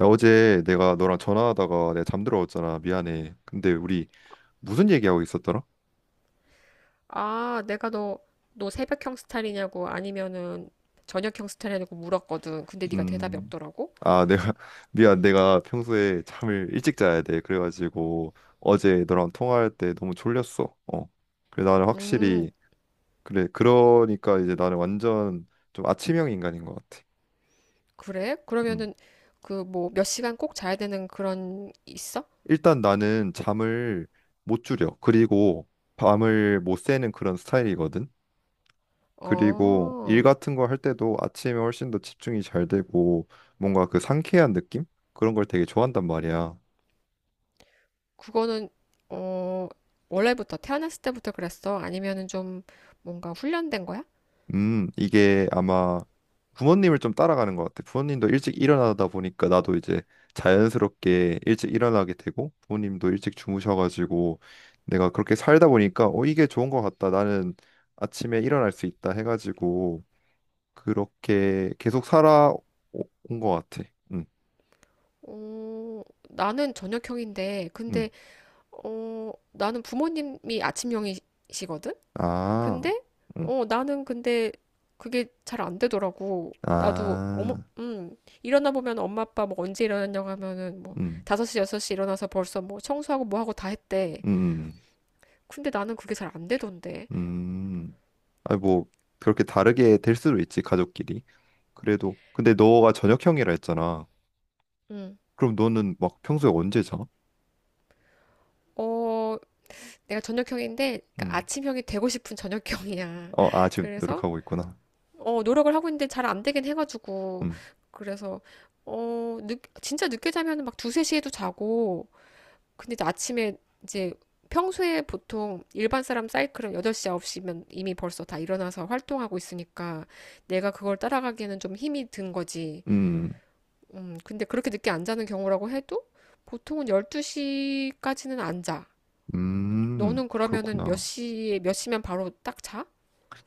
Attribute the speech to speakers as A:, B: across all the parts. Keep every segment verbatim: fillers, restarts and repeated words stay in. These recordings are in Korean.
A: 야, 어제 내가 너랑 전화하다가 내가 잠들어왔잖아. 미안해. 근데 우리 무슨 얘기하고 있었더라?
B: 아, 내가 너, 너 새벽형 스타일이냐고 아니면은 저녁형 스타일이냐고 물었거든. 근데 네가 대답이
A: 음,
B: 없더라고.
A: 아, 내가, 미안. 내가 평소에 잠을 일찍 자야 돼. 그래가지고 어제 너랑 통화할 때 너무 졸렸어. 어. 그래, 나는
B: 음,
A: 확실히, 그래. 그러니까 이제 나는 완전 좀 아침형 인간인 것 같아.
B: 그래?
A: 음.
B: 그러면은 그 뭐 몇 시간 꼭 자야 되는 그런 있어?
A: 일단 나는 잠을 못 줄여. 그리고 밤을 못 새는 그런 스타일이거든. 그리고 일
B: 어,
A: 같은 거 할 때도 아침에 훨씬 더 집중이 잘 되고 뭔가 그 상쾌한 느낌? 그런 걸 되게 좋아한단 말이야.
B: 그거는 어, 원래부터 태어났을 때부터 그랬어? 아니면은 좀 뭔가 훈련된 거야?
A: 음, 이게 아마 부모님을 좀 따라가는 것 같아. 부모님도 일찍 일어나다 보니까 나도 이제 자연스럽게 일찍 일어나게 되고 부모님도 일찍 주무셔가지고 내가 그렇게 살다 보니까 어, 이게 좋은 것 같다. 나는 아침에 일어날 수 있다 해가지고 그렇게 계속 살아온 것 같아. 음,
B: 어, 나는 저녁형인데
A: 음.
B: 근데 어, 나는 부모님이 아침형이시거든?
A: 아.
B: 근데
A: 응.
B: 어 나는 근데 그게 잘 안 되더라고. 나도 어머
A: 아,
B: 음 일어나 보면 엄마 아빠 뭐 언제 일어났냐고 하면은 뭐
A: 음,
B: 다섯 시 여섯 시 일어나서 벌써 뭐 청소하고 뭐 하고 다 했대.
A: 음,
B: 근데 나는 그게 잘 안 되던데.
A: 음. 아니, 뭐, 그렇게 다르게 될 수도 있지, 가족끼리. 그래도, 근데 너가 저녁형이라 했잖아.
B: 음.
A: 그럼 너는 막 평소에 언제 자?
B: 어 내가 저녁형인데 그러니까
A: 음.
B: 아침형이 되고 싶은 저녁형이야.
A: 어, 아, 지금
B: 그래서
A: 노력하고 있구나.
B: 어 노력을 하고 있는데 잘 안 되긴 해 가지고
A: 음,
B: 그래서 어 늦, 진짜 늦게 자면은 막 두세 시에도 자고 근데 아침에 이제 평소에 보통 일반 사람 사이클은 여덟 시, 아홉 시면 이미 벌써 다 일어나서 활동하고 있으니까 내가 그걸 따라가기에는 좀 힘이 든 거지.
A: 음,
B: 음, 근데 그렇게 늦게 안 자는 경우라고 해도 보통은 열두 시까지는 안 자.
A: 음,
B: 너는 그러면은 몇
A: 그렇구나.
B: 시에, 몇 시면 바로 딱 자?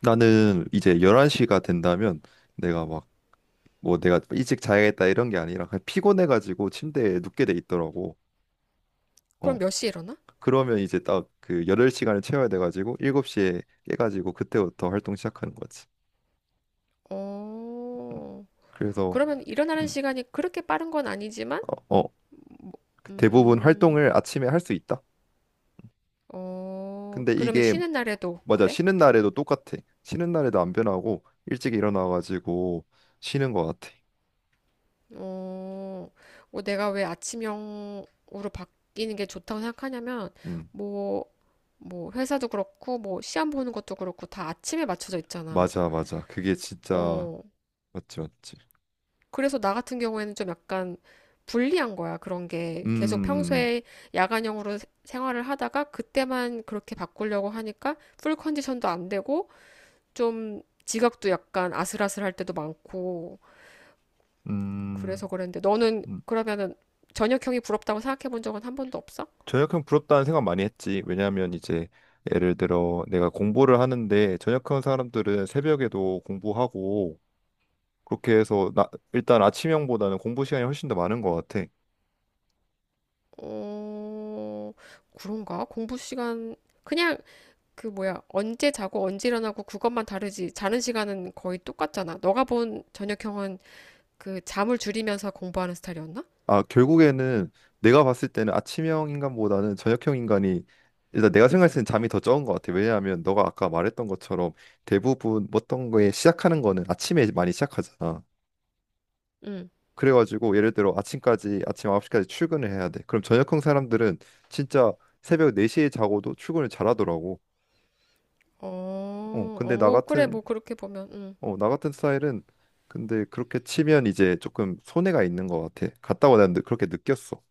A: 나는 이제 열한 시가 된다면 내가 막, 뭐 내가 일찍 자야겠다 이런 게 아니라 그냥 피곤해가지고 침대에 눕게 돼 있더라고. 어.
B: 그럼 몇 시에 일어나?
A: 그러면 이제 딱 그 여덟 시간을 채워야 돼가지고 일곱 시에 깨가지고 그때부터 활동 시작하는 거지. 음.
B: 어,
A: 그래서
B: 그러면 일어나는
A: 음,
B: 시간이 그렇게 빠른 건 아니지만,
A: 어, 어, 대부분
B: 음,
A: 활동을 아침에 할 수 있다.
B: 어,
A: 근데
B: 그러면
A: 이게
B: 쉬는 날에도
A: 맞아.
B: 그래?
A: 쉬는 날에도 똑같아. 쉬는 날에도 안 변하고 일찍 일어나가지고 쉬는 거 같아.
B: 어, 뭐 내가 왜 아침형으로 바뀌는 게 좋다고 생각하냐면,
A: 음.
B: 뭐, 뭐, 회사도 그렇고, 뭐, 시험 보는 것도 그렇고, 다 아침에 맞춰져 있잖아.
A: 맞아, 맞아. 그게 진짜
B: 어,
A: 맞지, 맞지.
B: 그래서 나 같은 경우에는 좀 약간 불리한 거야, 그런
A: 음,
B: 게. 계속
A: 음,
B: 평소에 야간형으로 세- 생활을 하다가, 그때만 그렇게 바꾸려고 하니까, 풀 컨디션도 안 되고, 좀 지각도 약간 아슬아슬할 때도 많고,
A: 음,
B: 그래서 그랬는데 너는
A: 음.
B: 그러면은 저녁형이 부럽다고 생각해 본 적은 한 번도 없어?
A: 전역형 부럽다는 생각 많이 했지. 왜냐하면 이제 예를 들어 내가 공부를 하는데 전역형 사람들은 새벽에도 공부하고 그렇게 해서 나 일단 아침형보다는 공부 시간이 훨씬 더 많은 것 같아.
B: 어, 그런가? 공부 시간 그냥 그 뭐야 언제 자고 언제 일어나고 그것만 다르지 자는 시간은 거의 똑같잖아. 너가 본 저녁형은 그 잠을 줄이면서 공부하는 스타일이었나?
A: 아 결국에는 내가 봤을 때는 아침형 인간보다는 저녁형 인간이 일단 내가 생각했을 때는 잠이 더 적은 것 같아. 왜냐하면 너가 아까 말했던 것처럼 대부분 어떤 거에 시작하는 거는 아침에 많이 시작하잖아.
B: 응.
A: 그래가지고 예를 들어 아침까지 아침 아홉 시까지 출근을 해야 돼. 그럼 저녁형 사람들은 진짜 새벽 네 시에 자고도 출근을 잘하더라고. 어,
B: 어, 어,
A: 근데 나
B: 뭐 그래
A: 같은
B: 뭐 그렇게 보면 응.
A: 어, 나 같은 스타일은 근데 그렇게 치면 이제 조금 손해가 있는 것 같아. 갔다 오고 난 느- 그렇게 느꼈어.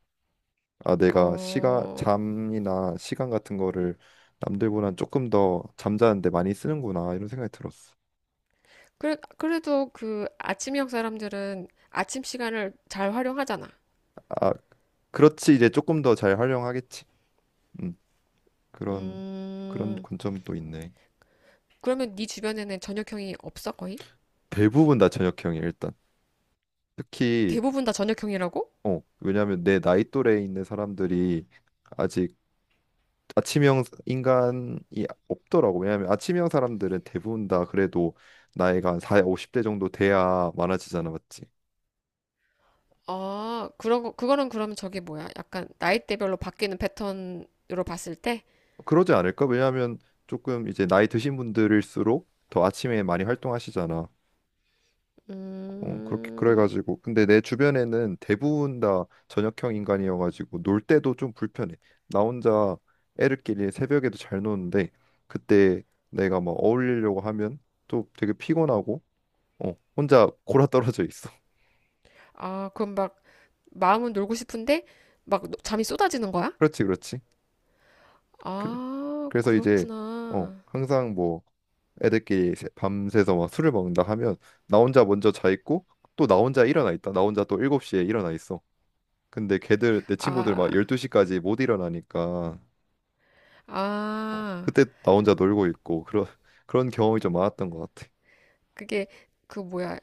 A: 아, 내가 시간
B: 어.
A: 잠이나 시간 같은 거를 남들보단 조금 더 잠자는데 많이 쓰는구나 이런 생각이 들었어.
B: 그래 그래도 그 아침형 사람들은 아침 시간을 잘 활용하잖아.
A: 아, 그렇지 이제 조금 더 잘 활용하겠지. 음, 그런 그런
B: 음.
A: 관점도 있네.
B: 그러면 네 주변에는 저녁형이 없어, 거의?
A: 대부분 다 저녁형이야 일단 특히
B: 대부분 다 저녁형이라고?
A: 어 왜냐하면 내 나이 또래에 있는 사람들이 아직 아침형 인간이 없더라고. 왜냐하면 아침형 사람들은 대부분 다 그래도 나이가 한 사, 오십 대 정도 돼야 많아지잖아, 맞지?
B: 아, 그런 거, 그거는 그러면 저게 뭐야? 약간 나이대별로 바뀌는 패턴으로 봤을 때?
A: 그러지 않을까? 왜냐하면 조금 이제 나이 드신 분들일수록 더 아침에 많이 활동하시잖아. 어, 그렇게
B: 음,
A: 그래가지고 근데 내 주변에는 대부분 다 저녁형 인간이어가지고 놀 때도 좀 불편해. 나 혼자 애들끼리 새벽에도 잘 노는데 그때 내가 막 어울리려고 하면 또 되게 피곤하고 어, 혼자 골아떨어져 있어.
B: 아, 그럼 막 마음은 놀고 싶은데 막 노- 잠이 쏟아지는 거야?
A: 그렇지, 그렇지. 그래.
B: 아,
A: 그래서 이제 어,
B: 그렇구나.
A: 항상 뭐 애들끼리 새- 밤새서 막 술을 먹는다 하면 나 혼자 먼저 자 있고 또 나 혼자 일어나 있다. 나 혼자 또 일곱 시에 일어나 있어. 근데 걔들 내 친구들
B: 아,
A: 막 열두 시까지 못 일어나니까 어,
B: 아,
A: 그때 나 혼자 놀고 있고 그런 그런 경험이 좀 많았던 것 같아.
B: 그게 그 뭐야?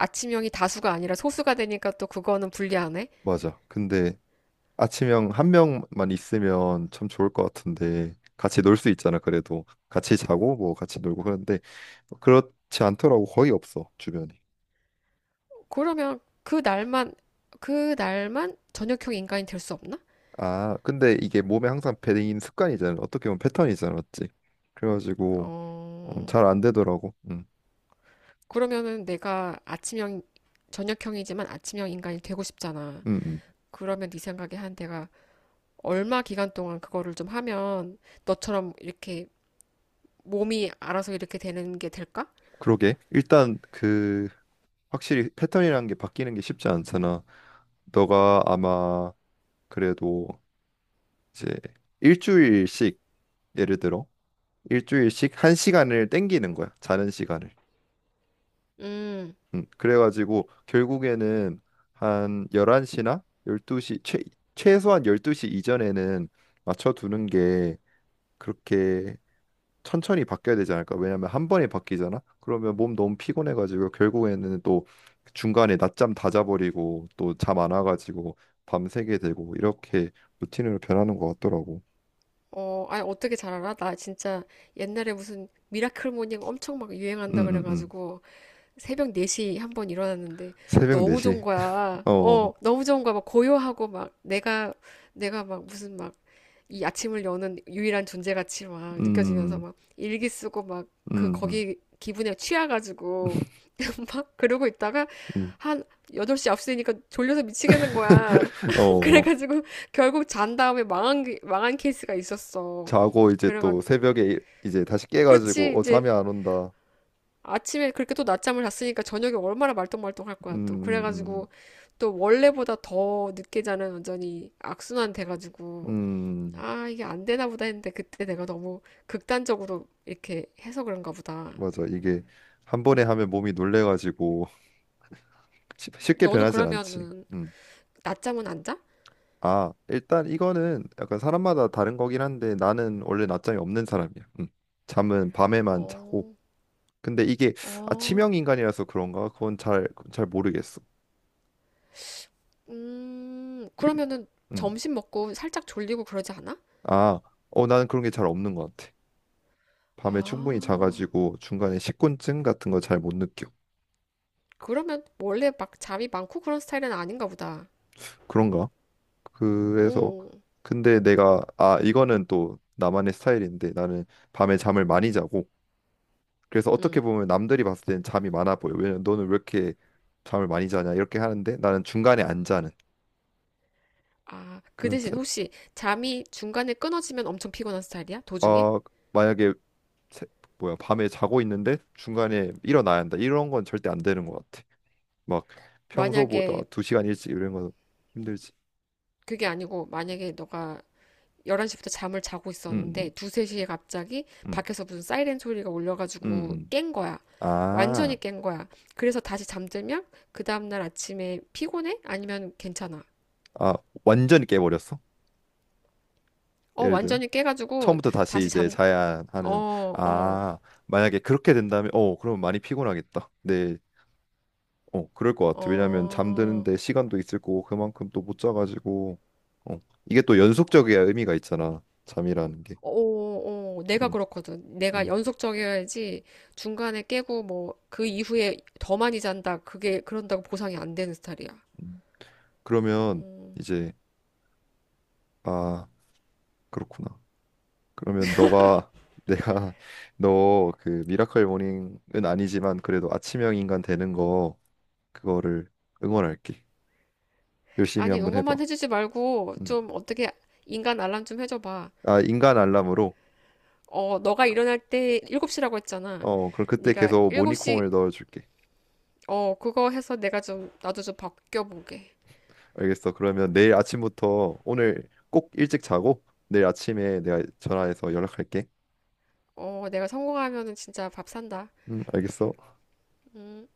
B: 아침형이 다수가 아니라 소수가 되니까 또 그거는 불리하네?
A: 맞아. 근데 아침형 한 명만 있으면 참 좋을 것 같은데 같이 놀 수 있잖아. 그래도 같이 자고 뭐 같이 놀고 그런데 그렇지 않더라고. 거의 없어 주변에.
B: 그러면 그 날만, 그 날만 저녁형 인간이 될 수 없나?
A: 아, 근데 이게 몸에 항상 배인 습관이잖아. 어떻게 보면 패턴이잖아, 맞지? 그래가지고 음,
B: 어,
A: 잘안 되더라고. 음,
B: 그러면은 내가 아침형, 저녁형이지만 아침형 인간이 되고 싶잖아.
A: 음, 음.
B: 그러면 네 생각에 한 내가 얼마 기간 동안 그거를 좀 하면 너처럼 이렇게 몸이 알아서 이렇게 되는 게 될까?
A: 그러게. 일단 그 확실히 패턴이라는 게 바뀌는 게 쉽지 않잖아. 너가 아마 그래도 이제 일주일씩 예를 들어 일주일씩 한 시간을 땡기는 거야. 자는 시간을.
B: 음,
A: 음, 그래가지고 결국에는 한 열한 시나 열두 시 최, 최소한 열두 시 이전에는 맞춰두는 게 그렇게 천천히 바뀌어야 되지 않을까? 왜냐면 한 번에 바뀌잖아. 그러면 몸 너무 피곤해가지고 결국에는 또 중간에 낮잠 다 자버리고 또 잠 안 와가지고 밤새게 되고 이렇게 루틴으로 변하는 것 같더라고.
B: 어, 아니, 어떻게 잘 알아? 나 진짜 옛날에 무슨 미라클 모닝 엄청 막
A: 음,
B: 유행한다
A: 음, 음.
B: 그래가지고 새벽 네 시 한번 일어났는데
A: 새벽
B: 너무 좋은
A: 네 시.
B: 거야.
A: 어,
B: 어, 너무 좋은 거야. 막 고요하고 막 내가, 내가 막 무슨 막 이 아침을 여는 유일한 존재같이 막 느껴지면서
A: 음,
B: 막 일기 쓰고 막 그
A: 음, 음.
B: 거기 기분에 취해가지고 막 그러고 있다가
A: 음.
B: 한 여덟 시, 앞시 되니까 졸려서 미치겠는 거야.
A: 어,
B: 그래가지고 결국 잔 다음에 망한, 게- 망한 케이스가 있었어.
A: 자고 이제
B: 그래가
A: 또 새벽에 일- 이제 다시
B: 그렇지
A: 깨가지고 어
B: 이제
A: 잠이 안 온다.
B: 아침에 그렇게 또 낮잠을 잤으니까 저녁에 얼마나 말똥말똥할 거야
A: 음,
B: 또
A: 음,
B: 그래가지고 또 원래보다 더 늦게 자는 완전히 악순환 돼가지고
A: 음, 음.
B: 아, 이게 안 되나 보다 했는데 그때 내가 너무 극단적으로 이렇게 해서 그런가 보다.
A: 맞아. 이게 한 번에 하면 몸이 놀래가지고 쉽- 쉽게
B: 너는
A: 변하진 않지.
B: 그러면은
A: 음.
B: 낮잠은 안 자?
A: 아, 일단 이거는 약간 사람마다 다른 거긴 한데 나는 원래 낮잠이 없는 사람이야. 음. 잠은 밤에만 자고.
B: 어,
A: 근데 이게 아, 치명
B: 어,
A: 인간이라서 그런가? 그건 잘, 잘 모르겠어.
B: 음,
A: 일-
B: 그러면은
A: 음.
B: 점심 먹고 살짝 졸리고 그러지 않아?
A: 아, 어, 나는 그런 게 잘 없는 것 같아. 밤에 충분히
B: 아,
A: 자가지고 중간에 식곤증 같은 거 잘 못 느껴.
B: 그러면 원래 막 잠이 많고 그런 스타일은 아닌가 보다.
A: 그런가? 그래서
B: 오,
A: 근데 내가 아, 이거는 또 나만의 스타일인데 나는 밤에 잠을 많이 자고 그래서 어떻게
B: 음.
A: 보면 남들이 봤을 때는 잠이 많아 보여. 왜냐면 너는 왜 이렇게 잠을 많이 자냐 이렇게 하는데 나는 중간에 안 자는
B: 아, 그
A: 그런
B: 대신
A: 스타일.
B: 혹시 잠이 중간에 끊어지면 엄청 피곤한 스타일이야? 도중에?
A: 어, 만약에 새- 뭐야 밤에 자고 있는데 중간에 일어나야 한다. 이런 건 절대 안 되는 것 같아. 막 평소보다
B: 만약에
A: 두 시간 일찍 이런 건 힘들지.
B: 그게 아니고 만약에 너가 열한 시부터 잠을 자고
A: 음,
B: 있었는데
A: 음,
B: 두세 시에 갑자기
A: 음.
B: 밖에서 무슨 사이렌 소리가 울려가지고
A: 음.
B: 깬 거야.
A: 아,
B: 완전히 깬 거야. 그래서 다시 잠들면 그 다음날 아침에 피곤해? 아니면 괜찮아?
A: 아, 완전히 깨버렸어?
B: 어,
A: 예를 들어?
B: 완전히 깨가지고
A: 처음부터 다시
B: 다시
A: 이제
B: 잠,
A: 자야 하는,
B: 어, 어,
A: 아, 만약에 그렇게 된다면, 어, 그러면 많이 피곤하겠다. 네, 어, 그럴 것 같아. 왜냐면
B: 어.
A: 잠드는데 시간도 있을 거고, 그만큼 또 못 자가지고, 어, 이게 또 연속적이야 의미가 있잖아. 잠이라는 게.
B: 어, 어, 어. 내가
A: 음,
B: 그렇거든. 내가
A: 음,
B: 연속적이어야지 중간에 깨고 뭐 그 이후에 더 많이 잔다. 그게 그런다고 보상이 안 되는 스타일이야.
A: 음. 그러면
B: 음.
A: 이제, 아, 그렇구나. 그러면 너가 내가 너 그 미라클 모닝은 아니지만 그래도 아침형 인간 되는 거 그거를 응원할게. 열심히
B: 아니,
A: 한번
B: 응원만
A: 해봐.
B: 해주지 말고
A: 음.
B: 좀 어떻게 인간 알람 좀 해줘봐.
A: 아 인간 알람으로.
B: 어, 너가 일어날 때 일곱 시라고 했잖아.
A: 어 그럼 그때
B: 네가
A: 계속
B: 일곱 시,
A: 모닝콩을 넣어줄게.
B: 어, 그거 해서 내가 좀, 나도 좀 바뀌어보게.
A: 알겠어. 그러면 내일 아침부터 오늘 꼭 일찍 자고 내일 아침에 내가 전화해서 연락할게.
B: 어, 내가 성공하면은 진짜 밥 산다.
A: 음 알겠어.
B: 음.